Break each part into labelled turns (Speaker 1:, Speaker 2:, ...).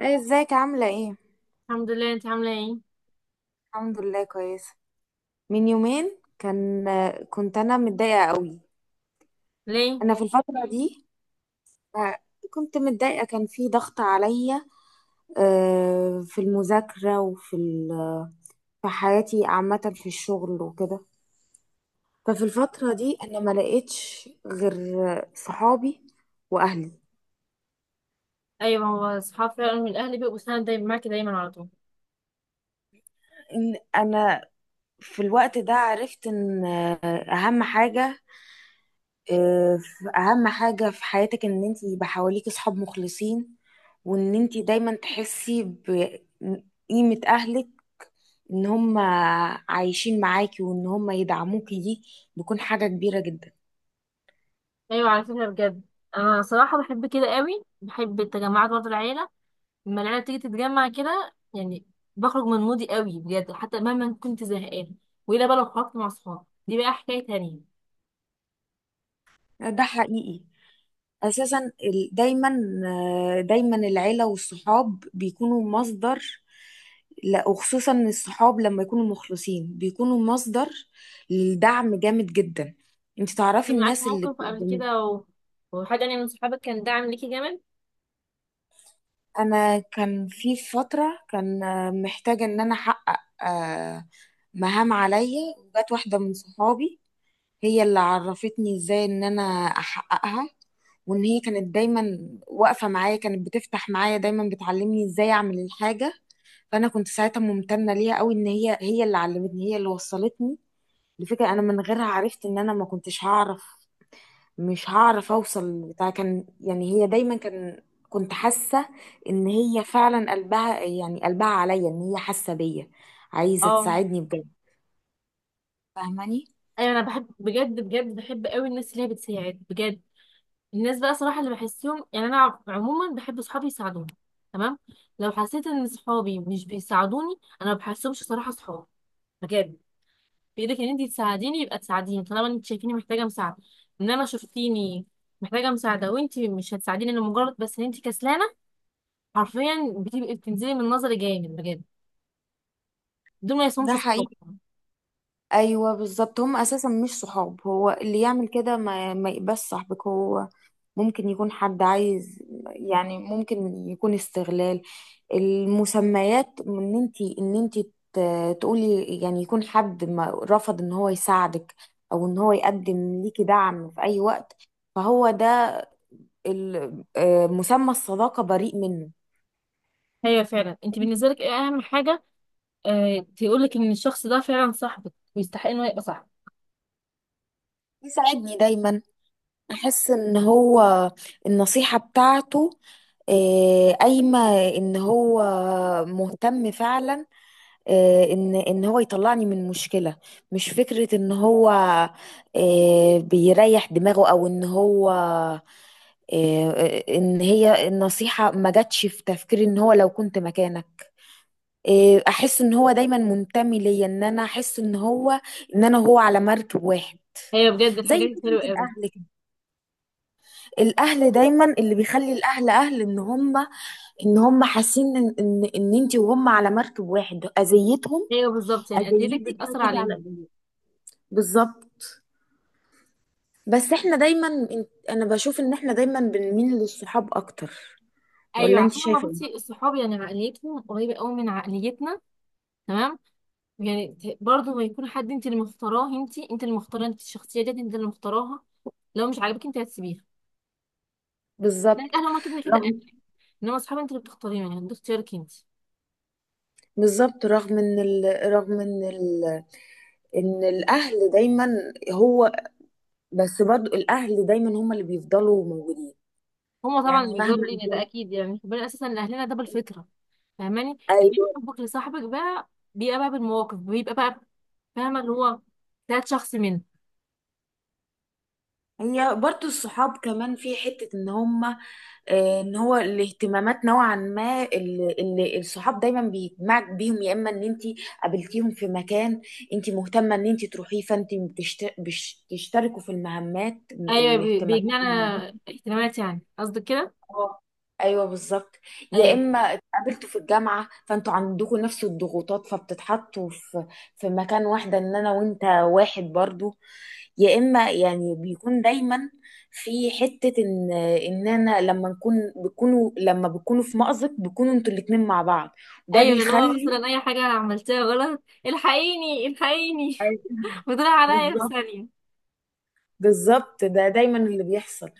Speaker 1: ايه، ازيك عاملة ايه؟
Speaker 2: الحمد لله، انت عامله ايه؟
Speaker 1: الحمد لله كويسة. من يومين كان، كنت انا متضايقة قوي.
Speaker 2: ليه؟
Speaker 1: انا في الفترة دي آه، كنت متضايقة، كان في ضغط عليا في المذاكرة وفي في حياتي عامة، في الشغل وكده. ففي الفترة دي انا ما لقيتش غير صحابي واهلي.
Speaker 2: ايوه، هو اصحاب فعلا من الاهل بيبقوا سند دايما معاكي، دايما على طول.
Speaker 1: إن انا في الوقت ده عرفت ان اهم حاجة، آه، اهم حاجة في حياتك ان انت يبقى حواليك اصحاب مخلصين، وان انت دايما تحسي بقيمة اهلك، ان هم عايشين معاكي وان هم يدعموكي، دي بيكون حاجة كبيرة جدا.
Speaker 2: ايوه على فكره بجد. انا صراحه بحب كده قوي، بحب التجمعات برضه العيله. لما العيله بتيجي تتجمع كده يعني، بخرج من مودي قوي بجد حتى مهما كنت زهقانه. والا بقى لو خرجت مع صحابي دي بقى حكايه تانية.
Speaker 1: ده حقيقي اساسا. دايما، دايما العيلة والصحاب بيكونوا مصدر، لا وخصوصا الصحاب لما يكونوا مخلصين بيكونوا مصدر للدعم جامد جدا. انت تعرفي
Speaker 2: كان معاك
Speaker 1: الناس اللي
Speaker 2: موقف قبل كده، وحد يعني من صحابك كان داعم ليكي جامد؟
Speaker 1: انا كان في فتره، كان محتاجه ان انا احقق مهام عليا، وجات واحده من صحابي هي اللي عرفتني ازاي ان انا احققها، وان هي كانت دايما واقفه معايا، كانت بتفتح معايا دايما، بتعلمني ازاي اعمل الحاجه. فانا كنت ساعتها ممتنه ليها قوي، ان هي اللي علمتني، هي اللي وصلتني لفكره انا من غيرها عرفت ان انا ما كنتش هعرف، مش هعرف اوصل، بتاع كان يعني هي دايما كان، كنت حاسه ان هي فعلا قلبها، يعني قلبها عليا، ان هي حاسه بيا، عايزه
Speaker 2: اه.
Speaker 1: تساعدني بجد، فاهماني.
Speaker 2: ايوه انا بحب بجد بجد، بحب قوي الناس اللي هي بتساعد بجد. الناس بقى صراحة اللي بحسهم يعني أنا عموما بحب صحابي يساعدوني. تمام. لو حسيت إن صحابي مش بيساعدوني، أنا ما بحسهمش صراحة صحابي. بجد. بإيدك إن أنت تساعديني يبقى تساعديني طالما أنت شايفيني محتاجة مساعدة. إنما شفتيني محتاجة مساعدة وأنت مش هتساعديني لمجرد بس إن أنت كسلانة، حرفيا بتبقي بتنزلي من نظري جامد بجد. دول ما
Speaker 1: ده
Speaker 2: يسموش صحاب.
Speaker 1: حقيقي. ايوه بالظبط، هم اساسا مش صحاب. هو اللي يعمل كده ما يبقاش صاحبك. هو ممكن يكون حد عايز، يعني ممكن يكون استغلال المسميات، ان انت تقولي، يعني يكون حد ما رفض ان هو يساعدك او ان هو يقدم ليكي دعم في اي وقت. فهو ده مسمى الصداقة بريء منه.
Speaker 2: هي فعلا، أنت بالنسبة لك إيه أهم حاجة؟ تقولك إن الشخص ده فعلا صاحبك ويستحق إنه يبقى صاحبك؟
Speaker 1: يساعدني دايما، احس ان هو النصيحة بتاعته قايمة، ان هو مهتم فعلا، ان هو يطلعني من مشكله، مش فكره ان هو بيريح دماغه او ان هو آه، ان هي النصيحه ما جاتش في تفكيري ان هو لو كنت مكانك. احس ان هو دايما منتمي ليا، ان انا احس ان هو ان انا وهو على مركب واحد.
Speaker 2: هي بجد
Speaker 1: زي
Speaker 2: الحاجات دي حلوة
Speaker 1: فكره
Speaker 2: أوي.
Speaker 1: الاهل كده. الاهل دايما، اللي بيخلي الاهل اهل، ان هم حاسين ان انت وهم على مركب واحد. اذيتهم
Speaker 2: ايوه بالظبط، يعني عقليتك
Speaker 1: اذيتك،
Speaker 2: بتأثر
Speaker 1: هتيجي على
Speaker 2: عليهم.
Speaker 1: اذيتك، بالظبط. بس احنا دايما انا بشوف ان احنا دايما بنميل للصحاب اكتر،
Speaker 2: ايوه
Speaker 1: ولا انت
Speaker 2: عشان لما
Speaker 1: شايفه
Speaker 2: بصي
Speaker 1: ايه؟
Speaker 2: الصحاب يعني عقليتهم قريبه قوي من عقليتنا. تمام. يعني برضه ما يكون حد انت اللي مختاراه انت، انت اللي مختاره انت الشخصيه ديت انت اللي مختاراها. لو مش عاجبك انت هتسيبيها. ده
Speaker 1: بالظبط.
Speaker 2: الاهل هما كده كده اهل.
Speaker 1: رغم،
Speaker 2: انما الصحاب انت اللي بتختاريهم، يعني ده اختيارك انت.
Speaker 1: بالظبط، ان الاهل دايما هو، بس برضو الاهل دايما هم اللي بيفضلوا موجودين،
Speaker 2: هما طبعا
Speaker 1: يعني
Speaker 2: اللي
Speaker 1: مهما
Speaker 2: بيقدروا لينا ده
Speaker 1: كان.
Speaker 2: اكيد، يعني ربنا اساسا لاهلنا ده بالفطره. فاهماني؟ إنما
Speaker 1: ايوه،
Speaker 2: حبك لصاحبك بقى بيبقى بقى بالمواقف، بيبقى بقى، فاهمه اللي هو ده شخص منك.
Speaker 1: هي برضو الصحاب كمان في حته ان هم ان هو الاهتمامات نوعا ما، اللي الصحاب دايما بيجمعك بيهم، يا اما ان انت قابلتيهم في مكان انت مهتمه ان انت تروحيه، فانت بتشتركوا في المهمات
Speaker 2: ايوه،
Speaker 1: الاهتمامات.
Speaker 2: بيجمعنا اهتمامات يعني قصدك كده؟
Speaker 1: اه، ايوه بالظبط. يا
Speaker 2: ايوه.
Speaker 1: اما اتقابلتوا في الجامعه فانتوا عندكم نفس الضغوطات، فبتتحطوا في في مكان واحده، ان انا وانت واحد برضو. يا اما يعني بيكون دايما في حته ان انا لما نكون، بيكونوا لما بيكونوا في مأزق بيكونوا انتوا الاتنين مع بعض، ده
Speaker 2: ايوه اللي هو
Speaker 1: بيخلي.
Speaker 2: مثلا اي حاجه انا عملتها غلط، الحقيني الحقيني!
Speaker 1: أيوة،
Speaker 2: بتروح عليا في
Speaker 1: بالظبط،
Speaker 2: ثانيه.
Speaker 1: بالظبط ده دايما اللي بيحصل.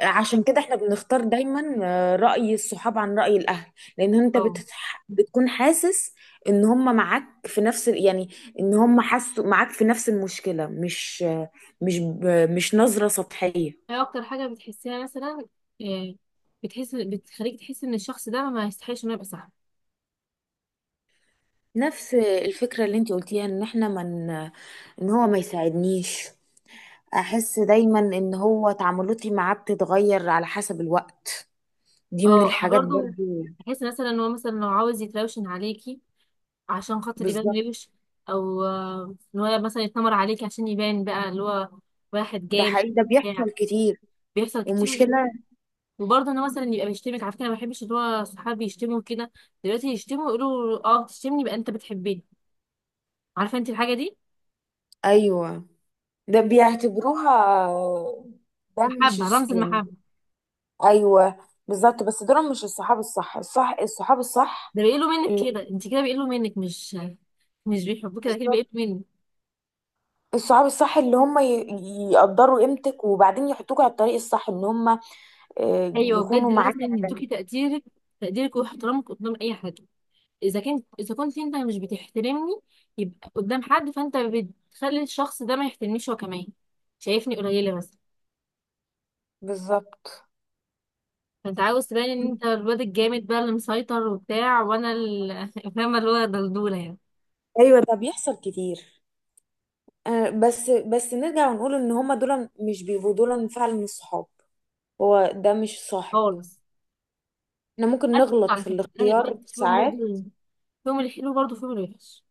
Speaker 1: عشان كده احنا بنختار دايما رأي الصحاب عن رأي الأهل، لأن انت
Speaker 2: اه.
Speaker 1: بتكون حاسس ان هم معاك في نفس يعني ان هم حاسوا معاك في نفس المشكلة، مش مش ب... مش نظرة سطحية.
Speaker 2: ايه اكتر حاجه بتحسيها مثلا، إيه، بتخليك تحس ان الشخص ده ما يستحقش انه يبقى صاحبك؟
Speaker 1: نفس الفكرة اللي انت قلتيها ان احنا من ان هو ما يساعدنيش، احس دايما ان هو تعاملاتي معاه بتتغير على حسب الوقت، دي من
Speaker 2: اه، انا
Speaker 1: الحاجات
Speaker 2: برضو
Speaker 1: برضو.
Speaker 2: بحس مثلا ان هو مثلا لو عاوز يتراوشن عليكي عشان خاطر يبان
Speaker 1: بالظبط.
Speaker 2: روش، او ان هو مثلا يتنمر عليكي عشان يبان بقى اللي هو واحد
Speaker 1: ده
Speaker 2: جامد.
Speaker 1: حقيقي، ده
Speaker 2: يعني
Speaker 1: بيحصل كتير.
Speaker 2: بيحصل كتير.
Speaker 1: ومشكلة.
Speaker 2: وبرضه انا مثلا يبقى بيشتمك على فكره، انا ما بحبش اللي هو صحابي يشتموا كده. دلوقتي يشتموا يقولوا اه تشتمني يبقى انت بتحبني. عارفه انت الحاجه دي؟
Speaker 1: أيوة، ده بيعتبروها، ده مش
Speaker 2: محبه،
Speaker 1: الص-
Speaker 2: رمز
Speaker 1: يعني
Speaker 2: المحبه.
Speaker 1: أيوة بالظبط، بس دول مش الصحاب الصح، الصح الصحاب الصح،
Speaker 2: ده بيقولوا منك
Speaker 1: اللي
Speaker 2: كده، انت كده بيقولوا منك، مش مش بيحبوك، كده كده
Speaker 1: بالظبط.
Speaker 2: بيقولوا منك.
Speaker 1: الصحاب الصح اللي هم يقدروا قيمتك وبعدين يحطوك على الطريق الصح، ان هم
Speaker 2: ايوه
Speaker 1: يكونوا
Speaker 2: بجد،
Speaker 1: معاك
Speaker 2: لازم
Speaker 1: على-.
Speaker 2: يدوكي تقديرك، تقديرك واحترامك قدام اي حد. اذا كنت انت مش بتحترمني، يبقى قدام حد فانت بتخلي الشخص ده ما يحترمنيش هو كمان، شايفني قليله بس.
Speaker 1: بالظبط.
Speaker 2: انت عاوز تبان ان انت الواد الجامد بقى اللي مسيطر وبتاع، وانا فاهمه اللي هو دلدوله يعني.
Speaker 1: ايوه ده بيحصل كتير. بس نرجع ونقول ان هما دول مش بيبقوا دول فعلا الصحاب، هو ده مش صاحب.
Speaker 2: خالص.
Speaker 1: احنا ممكن
Speaker 2: انا برضه
Speaker 1: نغلط
Speaker 2: على
Speaker 1: في
Speaker 2: فكره، انا اللي بجد
Speaker 1: الاختيار
Speaker 2: فيهم
Speaker 1: ساعات.
Speaker 2: برضه فيهم الحلو برضه فيهم الوحش.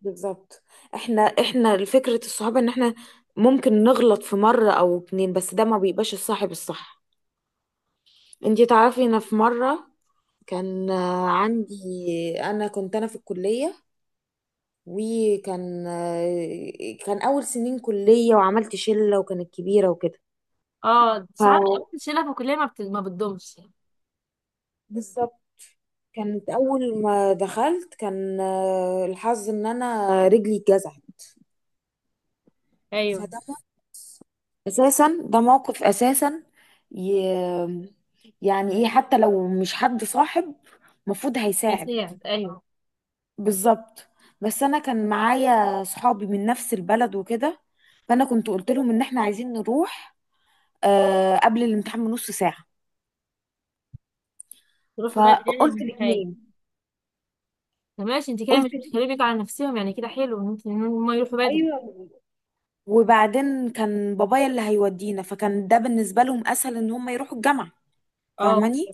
Speaker 1: بالظبط. احنا، احنا فكرة الصحابة ان احنا ممكن نغلط في مرة او اتنين، بس ده ما بيبقاش الصاحب الصح. انتي تعرفي، انا في مرة كان عندي، انا كنت، انا في الكلية وكان كان اول سنين كلية، وعملت شلة وكانت كبيرة وكده.
Speaker 2: اه
Speaker 1: ف
Speaker 2: ساعات. الشله في الكليه ما بتدومش يعني.
Speaker 1: بالظبط. كانت اول ما دخلت كان الحظ ان انا رجلي اتجزعت.
Speaker 2: ايوه،
Speaker 1: فده اساسا، ده موقف اساسا ي... يعني ايه، حتى لو مش حد صاحب مفروض هيساعد.
Speaker 2: بيساعد ايوه.
Speaker 1: بالظبط. بس انا كان معايا صحابي من نفس البلد وكده، فانا كنت قلت لهم ان احنا عايزين نروح آه قبل الامتحان بنص ساعة.
Speaker 2: يروحوا بدري يعني
Speaker 1: فقلت
Speaker 2: من حاجه.
Speaker 1: الاثنين،
Speaker 2: طب ماشي، انت كده
Speaker 1: قلت
Speaker 2: مش بتخليهم يجوا على نفسهم، يعني كده حلو ان هم يروحوا بدري.
Speaker 1: ايوه. وبعدين كان بابايا اللي هيودينا، فكان ده بالنسبة لهم اسهل ان هم يروحوا الجامعة،
Speaker 2: اه.
Speaker 1: فاهماني.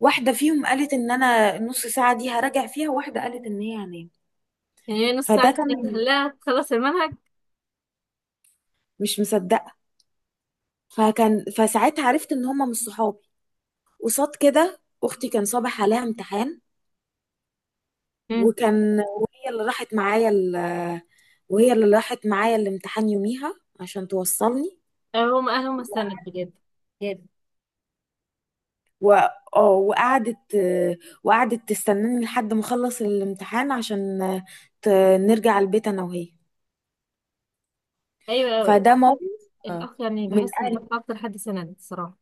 Speaker 1: واحدة فيهم قالت ان انا النص ساعة دي هراجع فيها، واحدة قالت ان هي هنام.
Speaker 2: يعني هي نص ساعه
Speaker 1: فده كان،
Speaker 2: كده تخليها تخلص المنهج؟
Speaker 1: مش مصدقه. فكان، فساعتها عرفت ان هما مش صحابي. قصاد كده، اختي كان صبح عليها امتحان،
Speaker 2: امم.
Speaker 1: وكان، وهي اللي راحت معايا وهي اللي راحت معايا الامتحان يوميها عشان توصلني.
Speaker 2: هم اهلهم استنت بجد بجد.
Speaker 1: و... اه وقعدت، وقعدت تستناني لحد ما اخلص الامتحان عشان ت... نرجع البيت انا وهي.
Speaker 2: ايوه
Speaker 1: فده موقف. آه،
Speaker 2: الاخ، يعني
Speaker 1: من
Speaker 2: بحس ان الاخ
Speaker 1: اهل.
Speaker 2: اكتر حد سند الصراحه.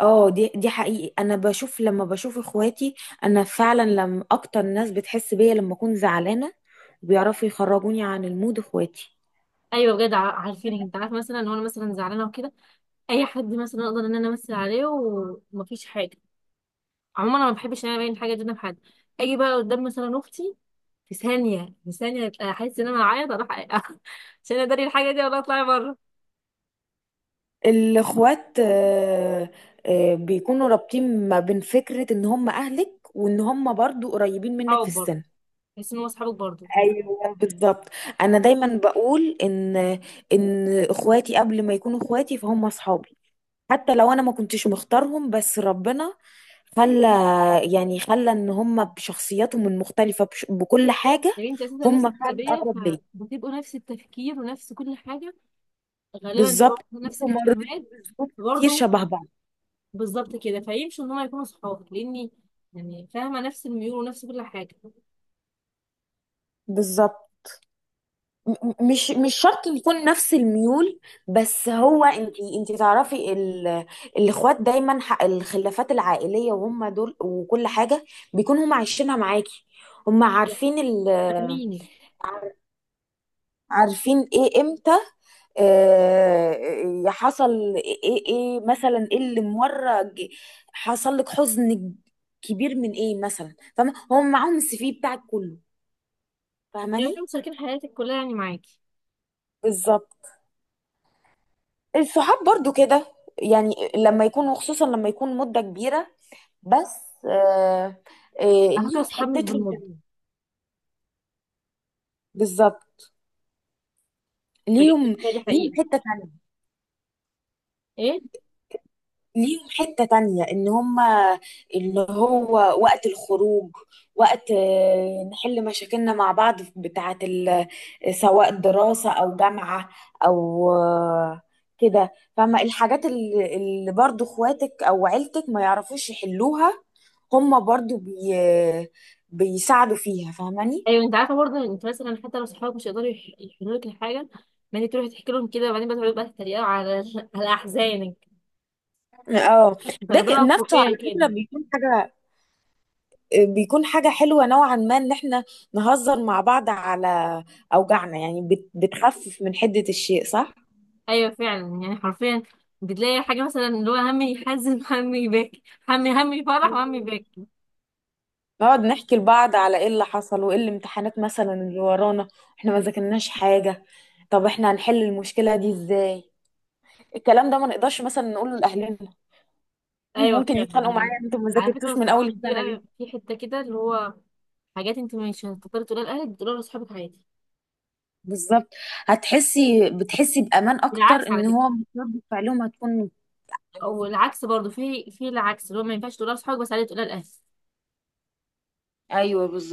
Speaker 1: اه دي، دي حقيقي، انا بشوف لما بشوف اخواتي، انا فعلا، لما اكتر ناس بتحس بيا لما اكون زعلانه بيعرفوا يخرجوني عن المود اخواتي.
Speaker 2: ايوه بجد، عارفينك انت عارف مثلا لو انا مثلا زعلانه وكده، اي حد مثلا اقدر ان انا امثل عليه ومفيش حاجه. عموما انا ما بحبش ان انا ابين حاجه قدام حد. اجي بقى قدام مثلا اختي، في ثانيه في ثانيه احس ان انا هعيط اروح عشان اداري الحاجه دي ولا اطلع بره.
Speaker 1: الاخوات بيكونوا رابطين ما بين فكره ان هم اهلك، وان هم برضو قريبين منك في
Speaker 2: صحاب برضه،
Speaker 1: السن.
Speaker 2: بحس ان هو اصحابك برضه في نفس-
Speaker 1: ايوه بالظبط. انا دايما بقول ان، ان اخواتي قبل ما يكونوا اخواتي فهم اصحابي، حتى لو انا ما كنتش مختارهم، بس ربنا خلى، يعني خلى ان هم بشخصياتهم المختلفه بكل حاجه،
Speaker 2: يا بنتي، اساسا نفس
Speaker 1: هم فعلا
Speaker 2: التربيه
Speaker 1: اقرب ليا.
Speaker 2: فبتبقوا نفس التفكير ونفس كل حاجه. غالبا بيبقوا
Speaker 1: بالظبط.
Speaker 2: نفس
Speaker 1: هم مريتوا
Speaker 2: الاهتمامات.
Speaker 1: بظروف كتير
Speaker 2: برضه.
Speaker 1: شبه بعض.
Speaker 2: بالظبط كده، فيمشوا ان هم يكونوا صحاب لاني، يعني فاهمه نفس الميول ونفس كل حاجه.
Speaker 1: بالظبط. مش شرط يكون نفس الميول، بس هو انت، انت تعرفي الاخوات دايما الخلافات العائليه وهم دول وكل حاجه بيكونوا هم عايشينها معاكي، هم عارفين
Speaker 2: فاهميني؟
Speaker 1: عارفين ايه امتى آه، حصل، ايه مثلا، ايه اللي حصل لك حزن كبير من ايه مثلا، فاهمه هم معاهم السي في بتاعك كله،
Speaker 2: يعني كانوا
Speaker 1: فاهماني.
Speaker 2: مشاركين حياتك كلها يعني معاكي.
Speaker 1: بالظبط. الصحاب برضو كده، يعني لما يكونوا خصوصا لما يكون مده كبيره. بس آه آه.
Speaker 2: على فكره،
Speaker 1: ليهم
Speaker 2: اصحاب مش
Speaker 1: حتتهم
Speaker 2: بالمده.
Speaker 1: تانية. بالظبط.
Speaker 2: بجد،
Speaker 1: ليهم،
Speaker 2: هي دي
Speaker 1: ليهم
Speaker 2: حقيقه.
Speaker 1: حته تانية،
Speaker 2: ايه.
Speaker 1: ليهم حتة تانية ان هما اللي هو وقت الخروج، وقت نحل مشاكلنا مع بعض، بتاعة سواء دراسة او جامعة، او كده. فما الحاجات اللي برضو اخواتك او عيلتك ما يعرفوش يحلوها، هما برضو بيساعدوا فيها، فاهماني.
Speaker 2: ايوه انت عارفه برضه، انت مثلا حتى لو صحابك مش يقدروا يحلوا لك الحاجه، ما انت تروحي تحكي لهم كده وبعدين بقى تقعدوا بقى تتريقوا على احزانك.
Speaker 1: اه.
Speaker 2: بتاخدوها
Speaker 1: نفسه
Speaker 2: فوقيها
Speaker 1: على
Speaker 2: كده.
Speaker 1: فكرة بيكون حاجة، بيكون حاجة حلوة نوعا ما ان احنا نهزر مع بعض على اوجعنا، يعني بتخفف من حدة الشيء، صح؟
Speaker 2: ايوه فعلا يعني حرفيا، بتلاقي حاجه مثلا اللي هو همي يحزن همي يبكي، همي فرح وهمي
Speaker 1: بالظبط.
Speaker 2: يبكي.
Speaker 1: نقعد نحكي لبعض على ايه اللي حصل، وايه الامتحانات مثلا اللي ورانا، احنا ما ذاكرناش حاجة، طب احنا هنحل المشكلة دي ازاي؟ الكلام ده ما نقدرش مثلا نقوله لأهلنا هم
Speaker 2: ايوه
Speaker 1: ممكن
Speaker 2: فعلا
Speaker 1: يتخانقوا
Speaker 2: يعني.
Speaker 1: معايا، انتوا ما
Speaker 2: على فكره
Speaker 1: ذاكرتوش من اول
Speaker 2: الصحاب دي
Speaker 1: السنة ليه؟
Speaker 2: بقى في حته كده اللي هو، حاجات انت مش هتقدري تقولها لاهلك، تقولها لاصحابك عادي.
Speaker 1: بالظبط. هتحسي، بتحسي بأمان اكتر،
Speaker 2: والعكس على
Speaker 1: ان هو
Speaker 2: فكره،
Speaker 1: رد فعلهم هتكون
Speaker 2: او العكس برضه في العكس اللي هو ما ينفعش تقولها لاصحابك بس عادي تقولها لاهلك.